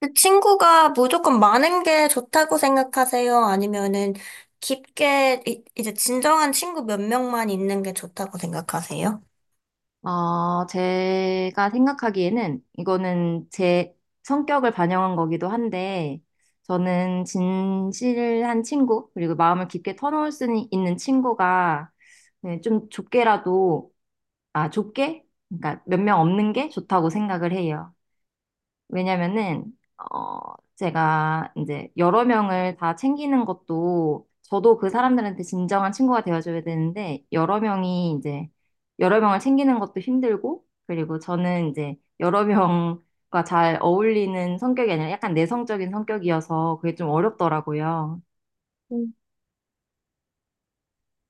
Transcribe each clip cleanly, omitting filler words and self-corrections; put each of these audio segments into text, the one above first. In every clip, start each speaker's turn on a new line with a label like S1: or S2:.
S1: 그 친구가 무조건 많은 게 좋다고 생각하세요? 아니면은 깊게 이제 진정한 친구 몇 명만 있는 게 좋다고 생각하세요?
S2: 제가 생각하기에는 이거는 제 성격을 반영한 거기도 한데, 저는 진실한 친구, 그리고 마음을 깊게 터놓을 수 있는 친구가, 네, 좀 좁게라도, 아, 좁게? 그러니까 몇 명 없는 게 좋다고 생각을 해요. 왜냐면은 어 제가 이제 여러 명을 다 챙기는 것도 저도 그 사람들한테 진정한 친구가 되어줘야 되는데 여러 명이 이제 여러 명을 챙기는 것도 힘들고, 그리고 저는 이제 여러 명과 잘 어울리는 성격이 아니라 약간 내성적인 성격이어서 그게 좀 어렵더라고요.
S1: 음.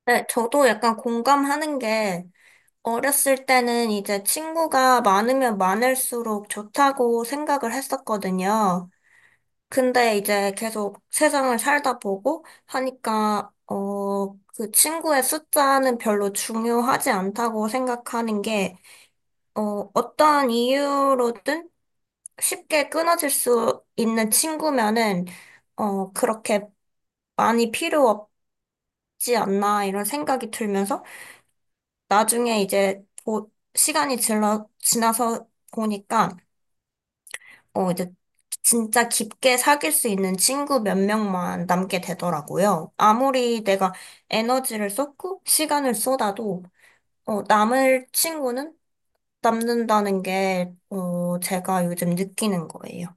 S1: 네, 저도 약간 공감하는 게 어렸을 때는 이제 친구가 많으면 많을수록 좋다고 생각을 했었거든요. 근데 이제 계속 세상을 살다 보고 하니까 그 친구의 숫자는 별로 중요하지 않다고 생각하는 게, 어떠한 이유로든 쉽게 끊어질 수 있는 친구면은, 그렇게 많이 필요 없지 않나, 이런 생각이 들면서, 나중에 이제, 시간이 지나서 보니까, 어, 이제, 진짜 깊게 사귈 수 있는 친구 몇 명만 남게 되더라고요. 아무리 내가 에너지를 쏟고, 시간을 쏟아도, 남을 친구는 남는다는 게, 제가 요즘 느끼는 거예요.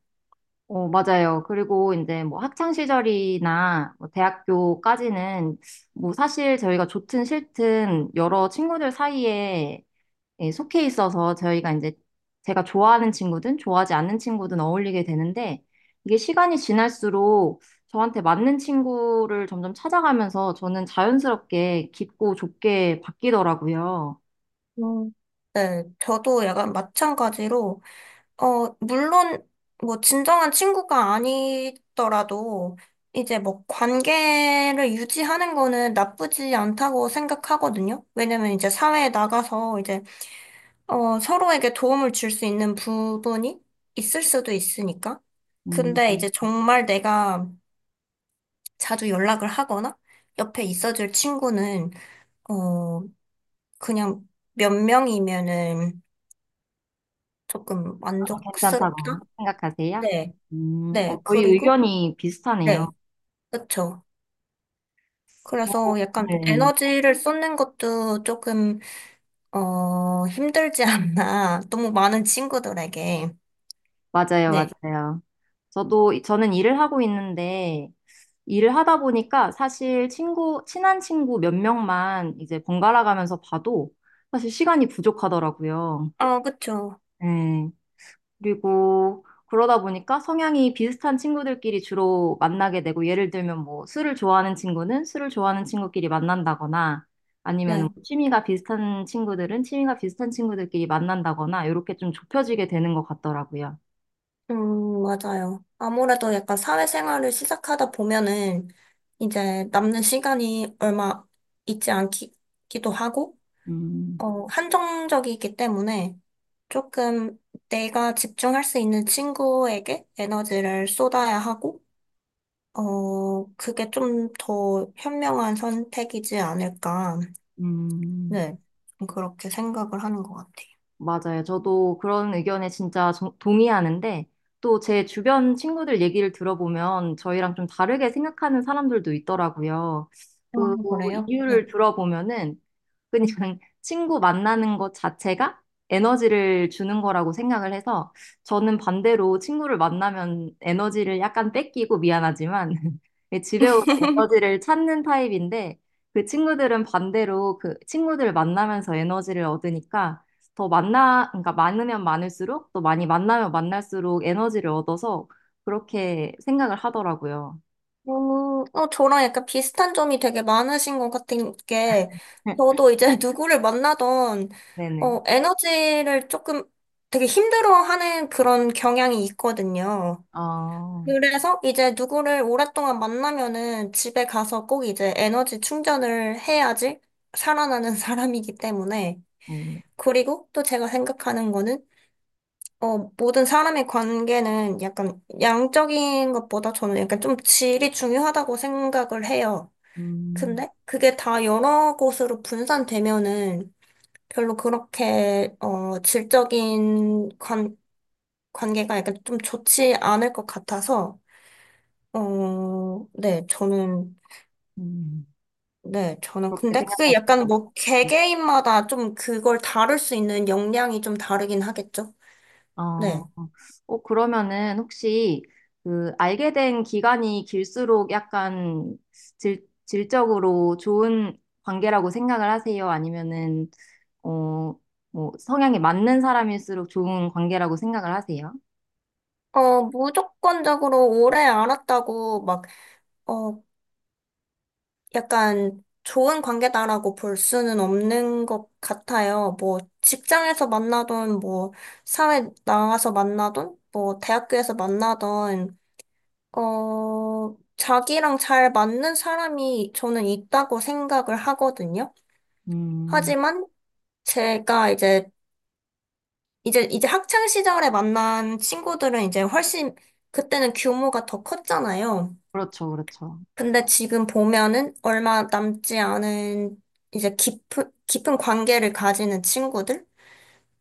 S2: 어, 맞아요. 그리고 이제 뭐 학창 시절이나 뭐 대학교까지는 뭐 사실 저희가 좋든 싫든 여러 친구들 사이에, 예, 속해 있어서 저희가 이제 제가 좋아하는 친구든 좋아하지 않는 친구든 어울리게 되는데, 이게 시간이 지날수록 저한테 맞는 친구를 점점 찾아가면서 저는 자연스럽게 깊고 좁게 바뀌더라고요.
S1: 음. 네, 저도 약간 마찬가지로, 물론, 뭐, 진정한 친구가 아니더라도, 이제 뭐, 관계를 유지하는 거는 나쁘지 않다고 생각하거든요. 왜냐면 이제 사회에 나가서 이제, 서로에게 도움을 줄 수 있는 부분이 있을 수도 있으니까.
S2: 음,
S1: 근데 이제 정말 내가 자주 연락을 하거나, 옆에 있어줄 친구는, 어, 그냥 몇 명이면은, 조금 만족스럽다?
S2: 괜찮다고 생각하세요?
S1: 네, 네,
S2: 저희
S1: 그리고,
S2: 의견이 비슷하네요.
S1: 네, 그쵸. 그래서 약간
S2: 네,
S1: 에너지를 쏟는 것도 조금, 힘들지 않나. 너무 많은 친구들에게.
S2: 맞아요,
S1: 네.
S2: 맞아요. 저도, 저는 일을 하고 있는데, 일을 하다 보니까 사실 친구, 친한 친구 몇 명만 이제 번갈아 가면서 봐도 사실 시간이 부족하더라고요.
S1: 아, 그쵸.
S2: 네. 그리고 그러다 보니까 성향이 비슷한 친구들끼리 주로 만나게 되고, 예를 들면 뭐 술을 좋아하는 친구는 술을 좋아하는 친구끼리 만난다거나 아니면 뭐
S1: 네.
S2: 취미가 비슷한 친구들은 취미가 비슷한 친구들끼리 만난다거나, 이렇게 좀 좁혀지게 되는 것 같더라고요.
S1: 맞아요. 아무래도 약간 사회생활을 시작하다 보면은 이제 남는 시간이 얼마 있지 않기도 하고,
S2: 음,
S1: 한정적이기 때문에 조금 내가 집중할 수 있는 친구에게 에너지를 쏟아야 하고, 그게 좀 더 현명한 선택이지 않을까.
S2: 음.
S1: 네, 좀 그렇게 생각을 하는 것 같아요.
S2: 맞아요. 저도 그런 의견에 진짜 동의하는데 또 제 주변 친구들 얘기를 들어보면 저희랑 좀 다르게 생각하는 사람들도 있더라고요.
S1: 아,
S2: 그
S1: 그래요? 네.
S2: 이유를 들어보면은 그냥 친구 만나는 것 자체가 에너지를 주는 거라고 생각을 해서, 저는 반대로 친구를 만나면 에너지를 약간 뺏기고 미안하지만 집에 오면 에너지를 찾는 타입인데, 그 친구들은 반대로 그 친구들 만나면서 에너지를 얻으니까 그러니까 많으면 많을수록, 또 많이 만나면 만날수록 에너지를 얻어서 그렇게 생각을 하더라고요.
S1: 음, 저랑 약간 비슷한 점이 되게 많으신 것 같은 게, 저도 이제 누구를 만나던,
S2: 네네.
S1: 에너지를 조금 되게 힘들어하는 그런 경향이 있거든요.
S2: 아,
S1: 그래서 이제 누구를 오랫동안 만나면은 집에 가서 꼭 이제 에너지 충전을 해야지 살아나는 사람이기 때문에.
S2: 음,
S1: 그리고 또 제가 생각하는 거는, 모든 사람의 관계는 약간 양적인 것보다 저는 약간 좀 질이 중요하다고 생각을 해요.
S2: 음.
S1: 근데 그게 다 여러 곳으로 분산되면은 별로 그렇게, 질적인 관계가 약간 좀 좋지 않을 것 같아서, 네, 저는
S2: 그렇게
S1: 근데 그게 약간
S2: 생각하시고.
S1: 뭐 개개인마다 좀 그걸 다룰 수 있는 역량이 좀 다르긴 하겠죠?
S2: 어,
S1: 네.
S2: 그러면은 혹시 그 알게 된 기간이 길수록 약간 질적으로 좋은 관계라고 생각을 하세요? 아니면은 어, 뭐 성향이 맞는 사람일수록 좋은 관계라고 생각을 하세요?
S1: 무조건적으로 오래 알았다고 막, 어, 약간 좋은 관계다라고 볼 수는 없는 것 같아요. 뭐 직장에서 만나던 뭐 사회 나와서 만나던 뭐 대학교에서 만나던 자기랑 잘 맞는 사람이 저는 있다고 생각을 하거든요.
S2: 음,
S1: 하지만 제가 이제 학창 시절에 만난 친구들은 이제 훨씬, 그때는 규모가 더 컸잖아요.
S2: 그렇죠, 그렇죠.
S1: 근데 지금 보면은 얼마 남지 않은 이제 깊은, 깊은 관계를 가지는 친구들?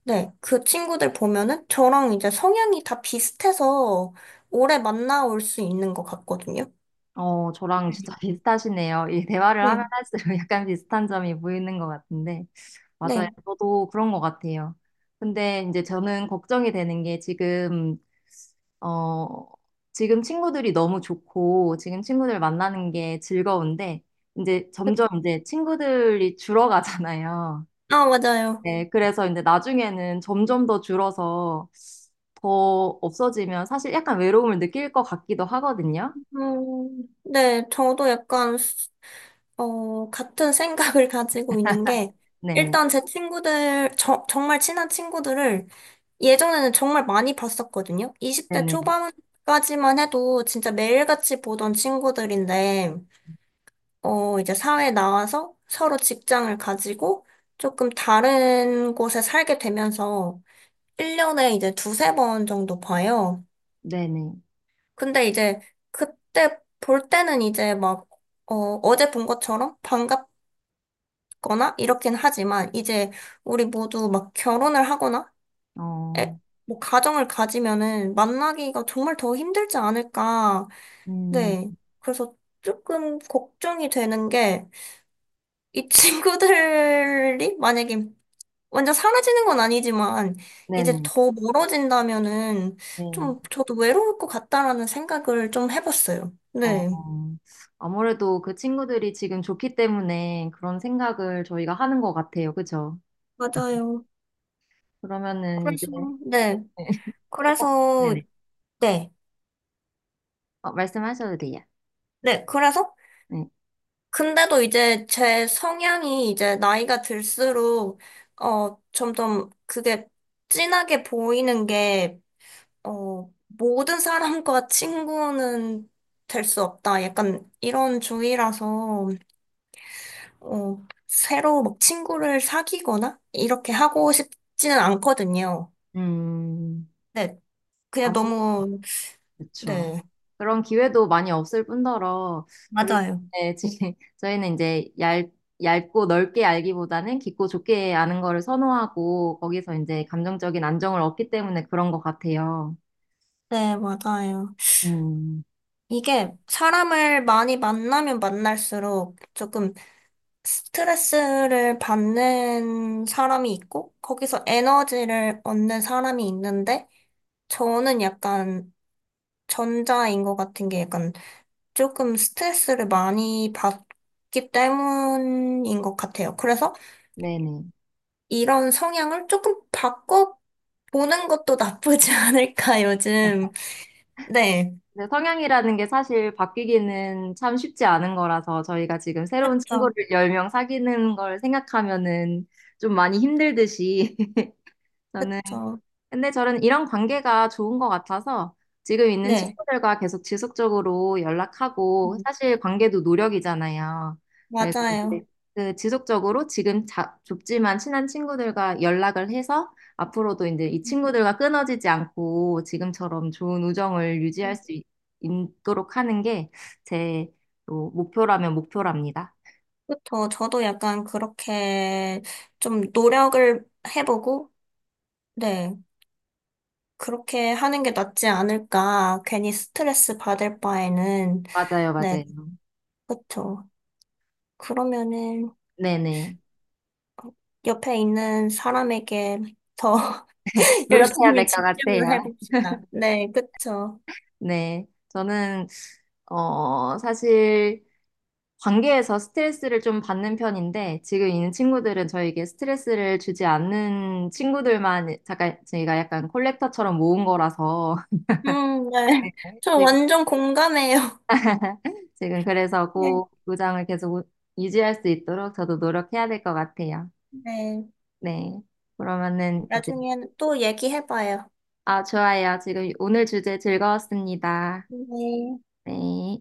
S1: 네, 그 친구들 보면은 저랑 이제 성향이 다 비슷해서 오래 만나올 수 있는 것 같거든요.
S2: 어, 저랑 진짜 비슷하시네요. 이 대화를
S1: 네,
S2: 하면 할수록 약간 비슷한 점이 보이는 것 같은데. 맞아요.
S1: 네.
S2: 저도 그런 것 같아요. 근데 이제 저는 걱정이 되는 게 지금, 어, 지금 친구들이 너무 좋고, 지금 친구들 만나는 게 즐거운데, 이제 점점
S1: 그-
S2: 이제 친구들이 줄어가잖아요.
S1: 아, 맞아요.
S2: 네, 그래서 이제 나중에는 점점 더 줄어서 더 없어지면 사실 약간 외로움을 느낄 것 같기도 하거든요.
S1: 네, 저도 약간 같은 생각을 가지고 있는 게,
S2: 네네,
S1: 일단 제 친구들, 정말 친한 친구들을 예전에는 정말 많이 봤었거든요. 20대
S2: 네네,
S1: 초반까지만 해도 진짜 매일같이 보던 친구들인데, 이제 사회에 나와서 서로 직장을 가지고 조금 다른 곳에 살게 되면서 1년에 이제 2, 3번 정도 봐요.
S2: 네네,
S1: 근데 이제 그때 볼 때는 이제 막, 어, 어제 본 것처럼 반갑 거나 이렇긴 하지만 이제 우리 모두 막 결혼을 하거나
S2: 어,
S1: 에, 뭐 가정을 가지면은 만나기가 정말 더 힘들지 않을까.
S2: 음,
S1: 네. 그래서 조금 걱정이 되는 게 이 친구들이 만약에 완전 사라지는 건 아니지만 이제
S2: 네네,
S1: 더 멀어진다면은
S2: 네.
S1: 좀 저도 외로울 것 같다라는 생각을 좀 해봤어요.
S2: 어,
S1: 네.
S2: 아무래도 그 친구들이 지금 좋기 때문에 그런 생각을 저희가 하는 것 같아요. 그죠?
S1: 맞아요.
S2: 그러면은 이제,
S1: 그래서 네.
S2: 어,
S1: 그래서
S2: 네네.
S1: 네.
S2: 어, 말씀하셔도 돼요.
S1: 네. 그래서
S2: 네.
S1: 근데도 이제 제 성향이 이제 나이가 들수록, 점점 그게 진하게 보이는 게, 모든 사람과 친구는 될 수 없다. 약간 이런 주의라서, 새로 막 친구를 사귀거나 이렇게 하고 싶지는 않거든요.
S2: 음,
S1: 네, 그냥
S2: 아무래도
S1: 너무,
S2: 그렇죠.
S1: 네,
S2: 그런 기회도 많이 없을 뿐더러, 그리고
S1: 맞아요.
S2: 네, 지금 저희는 얇고 넓게 알기보다는 깊고 좁게 아는 거를 선호하고, 거기서 이제 감정적인 안정을 얻기 때문에 그런 것 같아요.
S1: 네, 맞아요.
S2: 음,
S1: 이게 사람을 많이 만나면 만날수록 조금 스트레스를 받는 사람이 있고, 거기서 에너지를 얻는 사람이 있는데, 저는 약간 전자인 것 같은 게 약간 조금 스트레스를 많이 받기 때문인 것 같아요. 그래서
S2: 네네.
S1: 이런 성향을 조금 바꿔 보는 것도 나쁘지 않을까, 요즘. 네.
S2: 근데 성향이라는 게 사실 바뀌기는 참 쉽지 않은 거라서, 저희가 지금 새로운 친구를
S1: 그쵸.
S2: 10명 사귀는 걸 생각하면은 좀 많이 힘들듯이 저는
S1: 그쵸.
S2: 근데 저는 이런 관계가 좋은 것 같아서 지금 있는
S1: 네.
S2: 친구들과 계속 지속적으로 연락하고,
S1: 음,
S2: 사실 관계도 노력이잖아요. 그래서
S1: 맞아요.
S2: 이제 그 지속적으로 지금 좁지만 친한 친구들과 연락을 해서 앞으로도 이제 이 친구들과 끊어지지 않고 지금처럼 좋은 우정을 유지할 수 있, 도록 하는 게 제 목표라면 목표랍니다.
S1: 그쵸. 저도 약간 그렇게 좀 노력을 해보고, 네. 그렇게 하는 게 낫지 않을까. 괜히 스트레스 받을 바에는,
S2: 맞아요,
S1: 네.
S2: 맞아요.
S1: 그쵸. 그러면은
S2: 네네.
S1: 옆에 있는 사람에게 더
S2: 노력해야
S1: 열심히
S2: 될 것
S1: 집중을
S2: 같아요.
S1: 해봅시다. 네. 그쵸.
S2: 네, 저는 사실 관계에서 스트레스를 좀 받는 편인데 지금 있는 친구들은 저에게 스트레스를 주지 않는 친구들만 잠깐 저희가 약간 콜렉터처럼 모은 거라서
S1: 네. 저
S2: 지금
S1: 완전 공감해요.
S2: 지금 그래서
S1: 네.
S2: 그 구장을 계속 유지할 수 있도록 저도 노력해야 될 것 같아요.
S1: 네.
S2: 네, 그러면은 이제
S1: 나중에 또 얘기해봐요.
S2: 아 좋아요. 지금 오늘 주제 즐거웠습니다.
S1: 네.
S2: 네.